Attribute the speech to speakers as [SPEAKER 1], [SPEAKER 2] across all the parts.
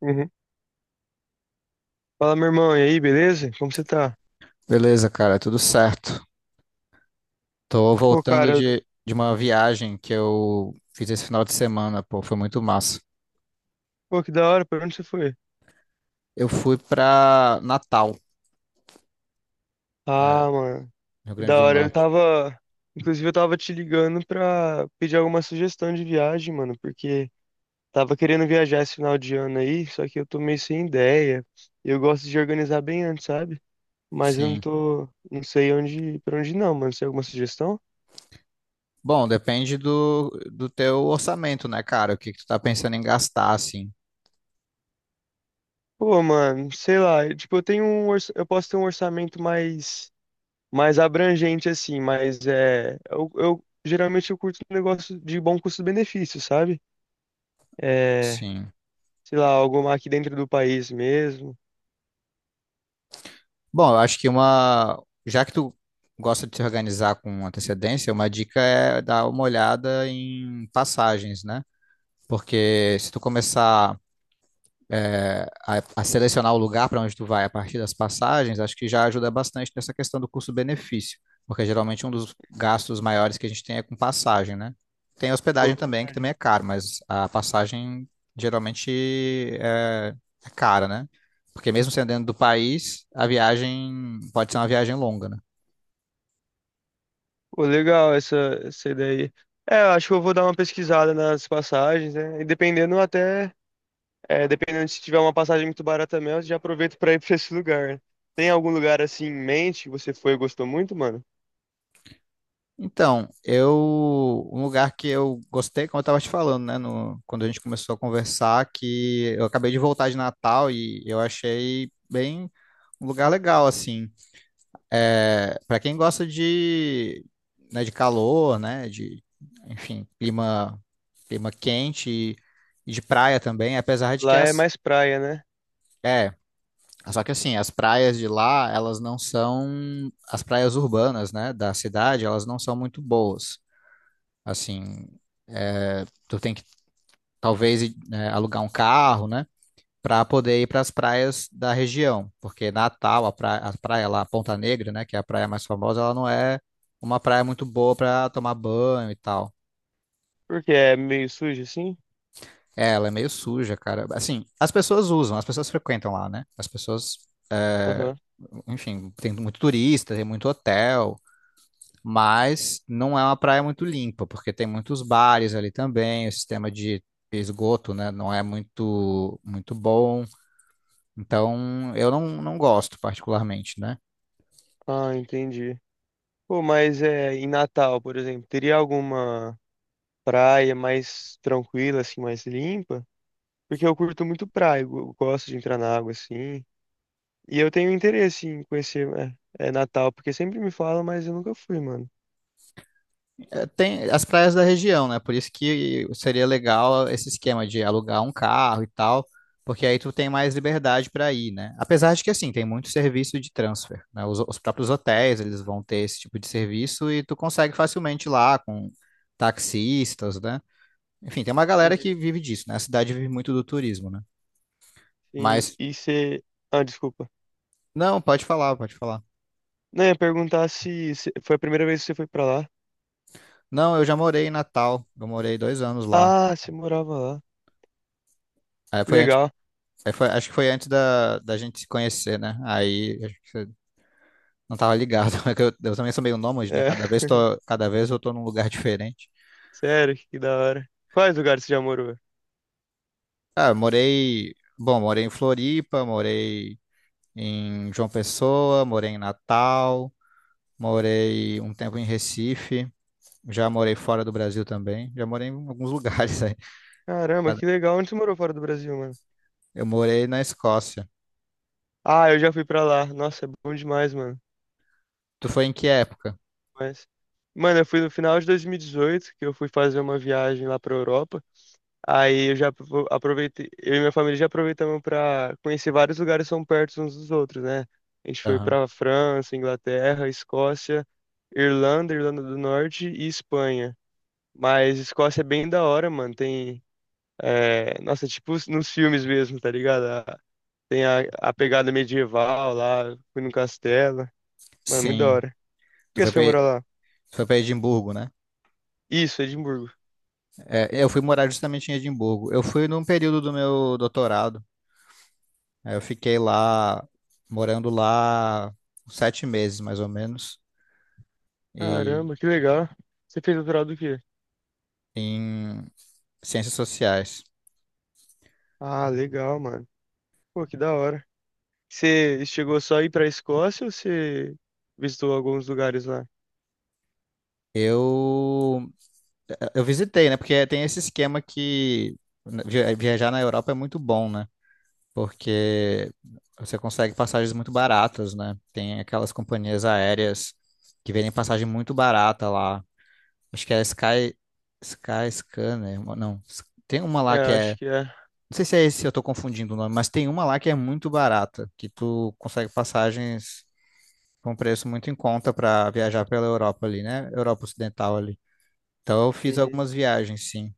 [SPEAKER 1] Uhum. Fala, meu irmão, e aí, beleza? Como você tá?
[SPEAKER 2] Beleza, cara, tudo certo. Tô
[SPEAKER 1] Pô,
[SPEAKER 2] voltando
[SPEAKER 1] cara,
[SPEAKER 2] de uma viagem que eu fiz esse final de semana, pô, foi muito massa.
[SPEAKER 1] pô, que da hora, pra onde você foi?
[SPEAKER 2] Eu fui pra Natal, é,
[SPEAKER 1] Ah, mano,
[SPEAKER 2] Rio
[SPEAKER 1] que
[SPEAKER 2] Grande
[SPEAKER 1] da
[SPEAKER 2] do
[SPEAKER 1] hora. Eu
[SPEAKER 2] Norte.
[SPEAKER 1] tava, inclusive, eu tava te ligando pra pedir alguma sugestão de viagem, mano, porque tava querendo viajar esse final de ano aí, só que eu tô meio sem ideia. Eu gosto de organizar bem antes, sabe? Mas eu não
[SPEAKER 2] Sim.
[SPEAKER 1] tô, não sei onde, pra onde não, mano. Você tem alguma sugestão?
[SPEAKER 2] Bom, depende do teu orçamento, né, cara? O que que tu tá pensando em gastar, assim.
[SPEAKER 1] Pô, mano, sei lá, tipo, eu tenho um, eu posso ter um orçamento mais abrangente, assim, mas é, eu geralmente eu curto um negócio de bom custo-benefício, sabe? É,
[SPEAKER 2] Sim.
[SPEAKER 1] sei lá, algo aqui dentro do país mesmo.
[SPEAKER 2] Bom, eu acho que uma. Já que tu gosta de se organizar com antecedência, uma dica é dar uma olhada em passagens, né? Porque se tu começar selecionar o lugar para onde tu vai a partir das passagens, acho que já ajuda bastante nessa questão do custo-benefício, porque geralmente um dos gastos maiores que a gente tem é com passagem, né? Tem hospedagem
[SPEAKER 1] Pô,
[SPEAKER 2] também, que
[SPEAKER 1] verdade.
[SPEAKER 2] também é caro, mas a passagem geralmente é, é cara, né? Porque mesmo sendo dentro do país, a viagem pode ser uma viagem longa, né?
[SPEAKER 1] Pô, legal essa ideia aí. É, eu acho que eu vou dar uma pesquisada nas passagens, né? E dependendo até, é, dependendo se tiver uma passagem muito barata mesmo, eu já aproveito pra ir pra esse lugar. Né? Tem algum lugar assim em mente que você foi e gostou muito, mano?
[SPEAKER 2] Então, eu, um lugar que eu gostei, como eu estava te falando, né, quando a gente começou a conversar, que eu acabei de voltar de Natal e eu achei bem um lugar legal, assim. É, para quem gosta de, né, de calor, né, de, enfim, clima, clima quente e de praia também, apesar de que
[SPEAKER 1] Lá é mais praia, né?
[SPEAKER 2] é, só que assim, as praias de lá, elas não são, as praias urbanas, né, da cidade, elas não são muito boas. Assim, é, tu tem que talvez, né, alugar um carro, né? Para poder ir para as praias da região, porque Natal, a praia lá, Ponta Negra, né? Que é a praia mais famosa, ela não é uma praia muito boa para tomar banho e tal.
[SPEAKER 1] Porque é meio sujo assim?
[SPEAKER 2] É, ela é meio suja, cara. Assim, as pessoas usam, as pessoas frequentam lá, né? As pessoas,
[SPEAKER 1] Aham.
[SPEAKER 2] enfim, tem muito turista, tem muito hotel, mas não é uma praia muito limpa, porque tem muitos bares ali também, o sistema de esgoto, né, não é muito bom. Então, eu não, não gosto particularmente, né?
[SPEAKER 1] Ah, entendi. Pô, mas é, em Natal, por exemplo, teria alguma praia mais tranquila, assim, mais limpa? Porque eu curto muito praia, eu gosto de entrar na água, assim. E eu tenho interesse em conhecer é, é, Natal, porque sempre me falam, mas eu nunca fui, mano.
[SPEAKER 2] Eh, tem as praias da região, né? Por isso que seria legal esse esquema de alugar um carro e tal, porque aí tu tem mais liberdade para ir, né? Apesar de que, assim, tem muito serviço de transfer, né? Os próprios hotéis, eles vão ter esse tipo de serviço e tu consegue facilmente ir lá com taxistas, né? Enfim, tem uma galera que
[SPEAKER 1] Uhum.
[SPEAKER 2] vive disso, né? A cidade vive muito do turismo, né?
[SPEAKER 1] E,
[SPEAKER 2] Mas,
[SPEAKER 1] e você... Ah, desculpa.
[SPEAKER 2] não, pode falar, pode falar.
[SPEAKER 1] Não, eu ia perguntar se, se foi a primeira vez que você foi pra lá.
[SPEAKER 2] Não, eu já morei em Natal, eu morei 2 anos lá.
[SPEAKER 1] Ah, você morava lá.
[SPEAKER 2] Aí
[SPEAKER 1] Que
[SPEAKER 2] foi antes,
[SPEAKER 1] legal.
[SPEAKER 2] acho que foi antes da gente se conhecer, né? Aí acho que você não tava ligado, é que eu também sou meio nômade, né?
[SPEAKER 1] É,
[SPEAKER 2] Cada vez eu tô num lugar diferente.
[SPEAKER 1] sério, que da hora. Quais lugares você já morou?
[SPEAKER 2] Ah, eu morei, bom, morei em Floripa, morei em João Pessoa, morei em Natal, morei um tempo em Recife, já morei fora do Brasil também, já morei em alguns lugares.
[SPEAKER 1] Caramba, que legal. Onde você morou fora do Brasil, mano?
[SPEAKER 2] Eu morei na Escócia.
[SPEAKER 1] Ah, eu já fui pra lá. Nossa, é bom demais, mano.
[SPEAKER 2] Tu foi em que época?
[SPEAKER 1] Mas, mano, eu fui no final de 2018, que eu fui fazer uma viagem lá pra Europa. Aí eu já aproveitei, eu e minha família já aproveitamos pra conhecer vários lugares que são perto uns dos outros, né? A gente foi
[SPEAKER 2] Aham.
[SPEAKER 1] pra França, Inglaterra, Escócia, Irlanda, Irlanda do Norte e Espanha. Mas Escócia é bem da hora, mano. Tem, é, nossa, tipo nos filmes mesmo, tá ligado? Tem a pegada medieval lá, fui no castelo. Mano, muito da
[SPEAKER 2] Sim.
[SPEAKER 1] hora.
[SPEAKER 2] Tu
[SPEAKER 1] E
[SPEAKER 2] foi
[SPEAKER 1] você
[SPEAKER 2] pra,
[SPEAKER 1] foi morar lá?
[SPEAKER 2] tu foi pra Edimburgo, né?
[SPEAKER 1] Isso, Edimburgo.
[SPEAKER 2] É, eu fui morar justamente em Edimburgo. Eu fui num período do meu doutorado. Aí eu fiquei lá, morando lá, 7 meses, mais ou menos, e
[SPEAKER 1] Caramba, que legal. Você fez doutorado do quê?
[SPEAKER 2] em ciências sociais.
[SPEAKER 1] Ah, legal, mano. Pô, que da hora. Você chegou só a ir pra Escócia ou você visitou alguns lugares lá?
[SPEAKER 2] Eu, eu visitei, né? Porque tem esse esquema que né, viajar na Europa é muito bom, né? Porque você consegue passagens muito baratas, né? Tem aquelas companhias aéreas que vendem passagem muito barata lá. Acho que é a Sky, Sky Scanner, uma- não. S- tem uma
[SPEAKER 1] É,
[SPEAKER 2] lá que é,
[SPEAKER 1] acho que é.
[SPEAKER 2] não sei se é esse, eu tô confundindo o nome, mas tem uma lá que é muito barata, que tu consegue passagens com um preço muito em conta para viajar pela Europa ali, né? Europa Ocidental ali. Então eu fiz
[SPEAKER 1] Uhum.
[SPEAKER 2] algumas viagens, sim.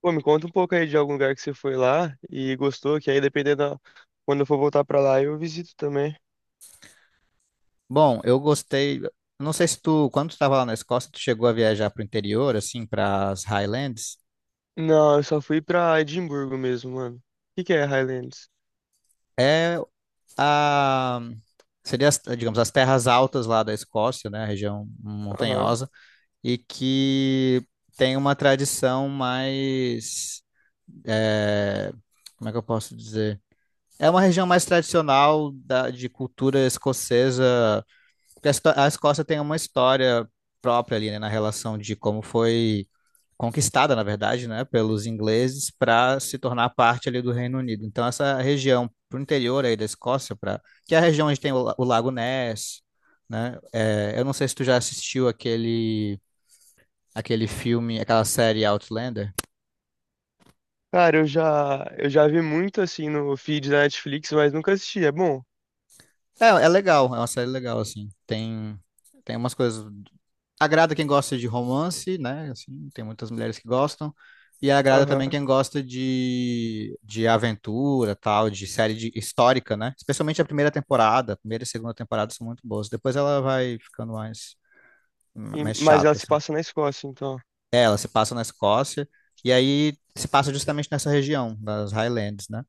[SPEAKER 1] Pô, me conta um pouco aí de algum lugar que você foi lá e gostou, que aí dependendo da... Quando eu for voltar pra lá, eu visito também.
[SPEAKER 2] Bom, eu gostei. Não sei se tu, quando tu estava lá na Escócia, tu chegou a viajar para o interior, assim, para as Highlands.
[SPEAKER 1] Não, eu só fui pra Edimburgo mesmo, mano. O que que é Highlands?
[SPEAKER 2] É a seria, as, digamos, as terras altas lá da Escócia, né, a região
[SPEAKER 1] Aham.
[SPEAKER 2] montanhosa, e que tem uma tradição mais, é, como é que eu posso dizer? É uma região mais tradicional da, de cultura escocesa, porque a Escócia tem uma história própria ali, né, na relação de como foi conquistada, na verdade, né, pelos ingleses para se tornar parte ali do Reino Unido. Então essa região para o interior aí da Escócia, para que é a região onde tem o Lago Ness, né? É, eu não sei se tu já assistiu aquele filme, aquela série Outlander.
[SPEAKER 1] Cara, eu já vi muito assim no feed da Netflix, mas nunca assisti. É bom?
[SPEAKER 2] É, é legal, é uma série legal assim. Tem umas coisas, agrada quem gosta de romance, né? Assim, tem muitas mulheres que gostam. E agrada também
[SPEAKER 1] Aham.
[SPEAKER 2] quem gosta de aventura, tal, histórica, né? Especialmente a primeira temporada. A primeira e segunda temporada são muito boas. Depois ela vai ficando mais,
[SPEAKER 1] Sim,
[SPEAKER 2] mais
[SPEAKER 1] mas ela
[SPEAKER 2] chata,
[SPEAKER 1] se
[SPEAKER 2] assim.
[SPEAKER 1] passa na Escócia, então.
[SPEAKER 2] É, ela se passa na Escócia. E aí se passa justamente nessa região, das Highlands, né?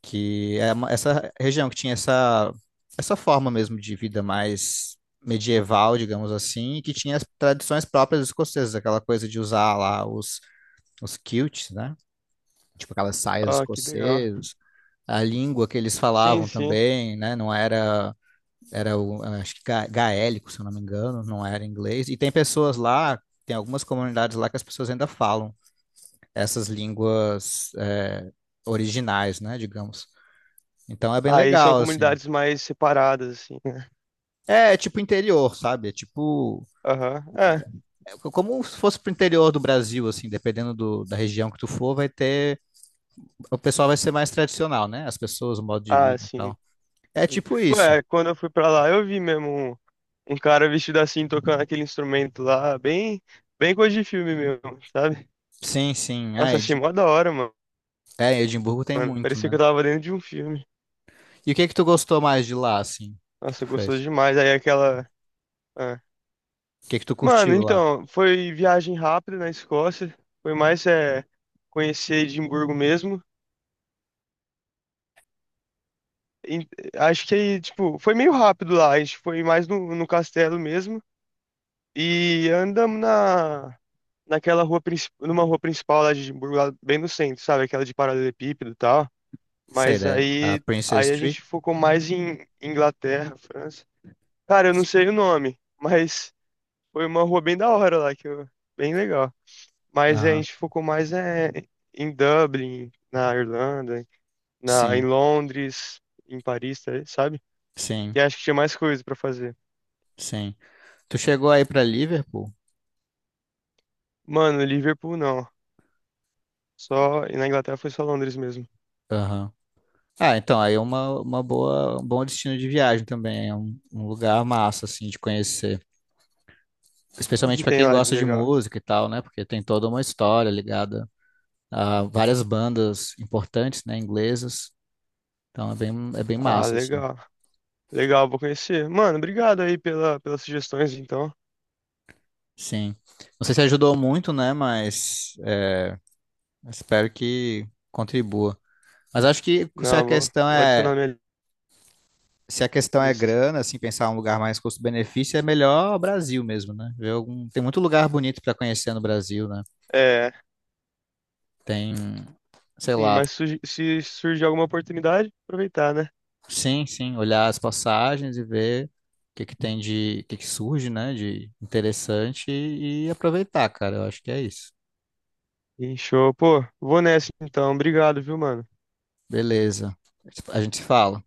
[SPEAKER 2] essa região que tinha essa, essa forma mesmo de vida mais medieval, digamos assim, e que tinha as tradições próprias dos escoceses, aquela coisa de usar lá os kilts, né? Tipo aquelas saias
[SPEAKER 1] Ah, que legal.
[SPEAKER 2] escocesas, a língua que eles
[SPEAKER 1] Sim,
[SPEAKER 2] falavam
[SPEAKER 1] sim.
[SPEAKER 2] também, né? Não era, era o, acho que gaélico, se eu não me engano, não era inglês. E tem pessoas lá, tem algumas comunidades lá que as pessoas ainda falam essas línguas originais, né? Digamos. Então é bem
[SPEAKER 1] Aí são
[SPEAKER 2] legal, assim.
[SPEAKER 1] comunidades mais separadas, assim, né?
[SPEAKER 2] É, é tipo interior, sabe? É tipo,
[SPEAKER 1] Aham. É.
[SPEAKER 2] é como se fosse pro interior do Brasil, assim, dependendo da região que tu for, vai ter. O pessoal vai ser mais tradicional, né? As pessoas, o modo de
[SPEAKER 1] Ah,
[SPEAKER 2] vida e
[SPEAKER 1] sim.
[SPEAKER 2] tal. É tipo
[SPEAKER 1] Pô,
[SPEAKER 2] isso.
[SPEAKER 1] é, quando eu fui pra lá, eu vi mesmo um, um cara vestido assim, tocando aquele instrumento lá, bem, bem coisa de filme mesmo, sabe?
[SPEAKER 2] Sim, sim. Ah,
[SPEAKER 1] Nossa, achei
[SPEAKER 2] Edi...
[SPEAKER 1] mó da hora, mano.
[SPEAKER 2] É, Edimburgo tem
[SPEAKER 1] Mano,
[SPEAKER 2] muito,
[SPEAKER 1] parecia que
[SPEAKER 2] né?
[SPEAKER 1] eu tava dentro de um filme.
[SPEAKER 2] E o que que tu gostou mais de lá, assim, que tu
[SPEAKER 1] Nossa, gostoso
[SPEAKER 2] fez?
[SPEAKER 1] demais. Aí aquela. Ah.
[SPEAKER 2] O que que tu
[SPEAKER 1] Mano,
[SPEAKER 2] curtiu lá?
[SPEAKER 1] então, foi viagem rápida na Escócia. Foi mais é, conhecer Edimburgo mesmo. em- Acho que tipo, foi meio rápido lá. A gente foi mais no castelo mesmo. E andamos na, naquela rua, numa rua principal lá de Edimburgo, lá bem no centro, sabe? Aquela de paralelepípedo e tal.
[SPEAKER 2] Sei,
[SPEAKER 1] Mas
[SPEAKER 2] né? A
[SPEAKER 1] aí, aí
[SPEAKER 2] Princess
[SPEAKER 1] a
[SPEAKER 2] Street?
[SPEAKER 1] gente focou mais em Inglaterra, França. Cara, eu não sei o nome, mas foi uma rua bem da hora lá, bem legal. Mas a
[SPEAKER 2] Aham.
[SPEAKER 1] gente focou mais é, em Dublin, na Irlanda, em
[SPEAKER 2] Sim,
[SPEAKER 1] Londres, em Paris, tá aí, sabe?
[SPEAKER 2] sim,
[SPEAKER 1] Que acho que tinha mais coisa pra fazer.
[SPEAKER 2] sim. Tu chegou aí pra Liverpool?
[SPEAKER 1] Mano, Liverpool não. Só, e na Inglaterra foi só Londres mesmo.
[SPEAKER 2] Aham. Ah, então, aí é uma boa, um bom destino de viagem também, é um, um lugar massa, assim, de conhecer.
[SPEAKER 1] E
[SPEAKER 2] Especialmente
[SPEAKER 1] que
[SPEAKER 2] para
[SPEAKER 1] tem
[SPEAKER 2] quem
[SPEAKER 1] lá de
[SPEAKER 2] gosta de
[SPEAKER 1] legal?
[SPEAKER 2] música e tal, né? Porque tem toda uma história ligada a várias bandas importantes, né, inglesas. Então é bem
[SPEAKER 1] Ah,
[SPEAKER 2] massa, assim.
[SPEAKER 1] legal. Legal, vou conhecer. Mano, obrigado aí pelas sugestões, então.
[SPEAKER 2] Sim. Não sei se ajudou muito, né? Mas é, espero que contribua. Mas acho que se
[SPEAKER 1] Não,
[SPEAKER 2] a questão
[SPEAKER 1] vou
[SPEAKER 2] é,
[SPEAKER 1] adicionar na minha
[SPEAKER 2] se a questão é
[SPEAKER 1] lista.
[SPEAKER 2] grana, assim, pensar um lugar mais custo-benefício, é melhor o Brasil mesmo, né? Tem muito lugar bonito para conhecer no Brasil, né?
[SPEAKER 1] É,
[SPEAKER 2] Tem, sei
[SPEAKER 1] sim,
[SPEAKER 2] lá,
[SPEAKER 1] mas se surgir alguma oportunidade, aproveitar, né?
[SPEAKER 2] sim, sim, olhar as passagens e ver o que que tem de, o que que surge, né, de interessante e aproveitar, cara. Eu acho que é isso.
[SPEAKER 1] Sim, show. Pô, vou nessa então. Obrigado, viu, mano?
[SPEAKER 2] Beleza. A gente se fala.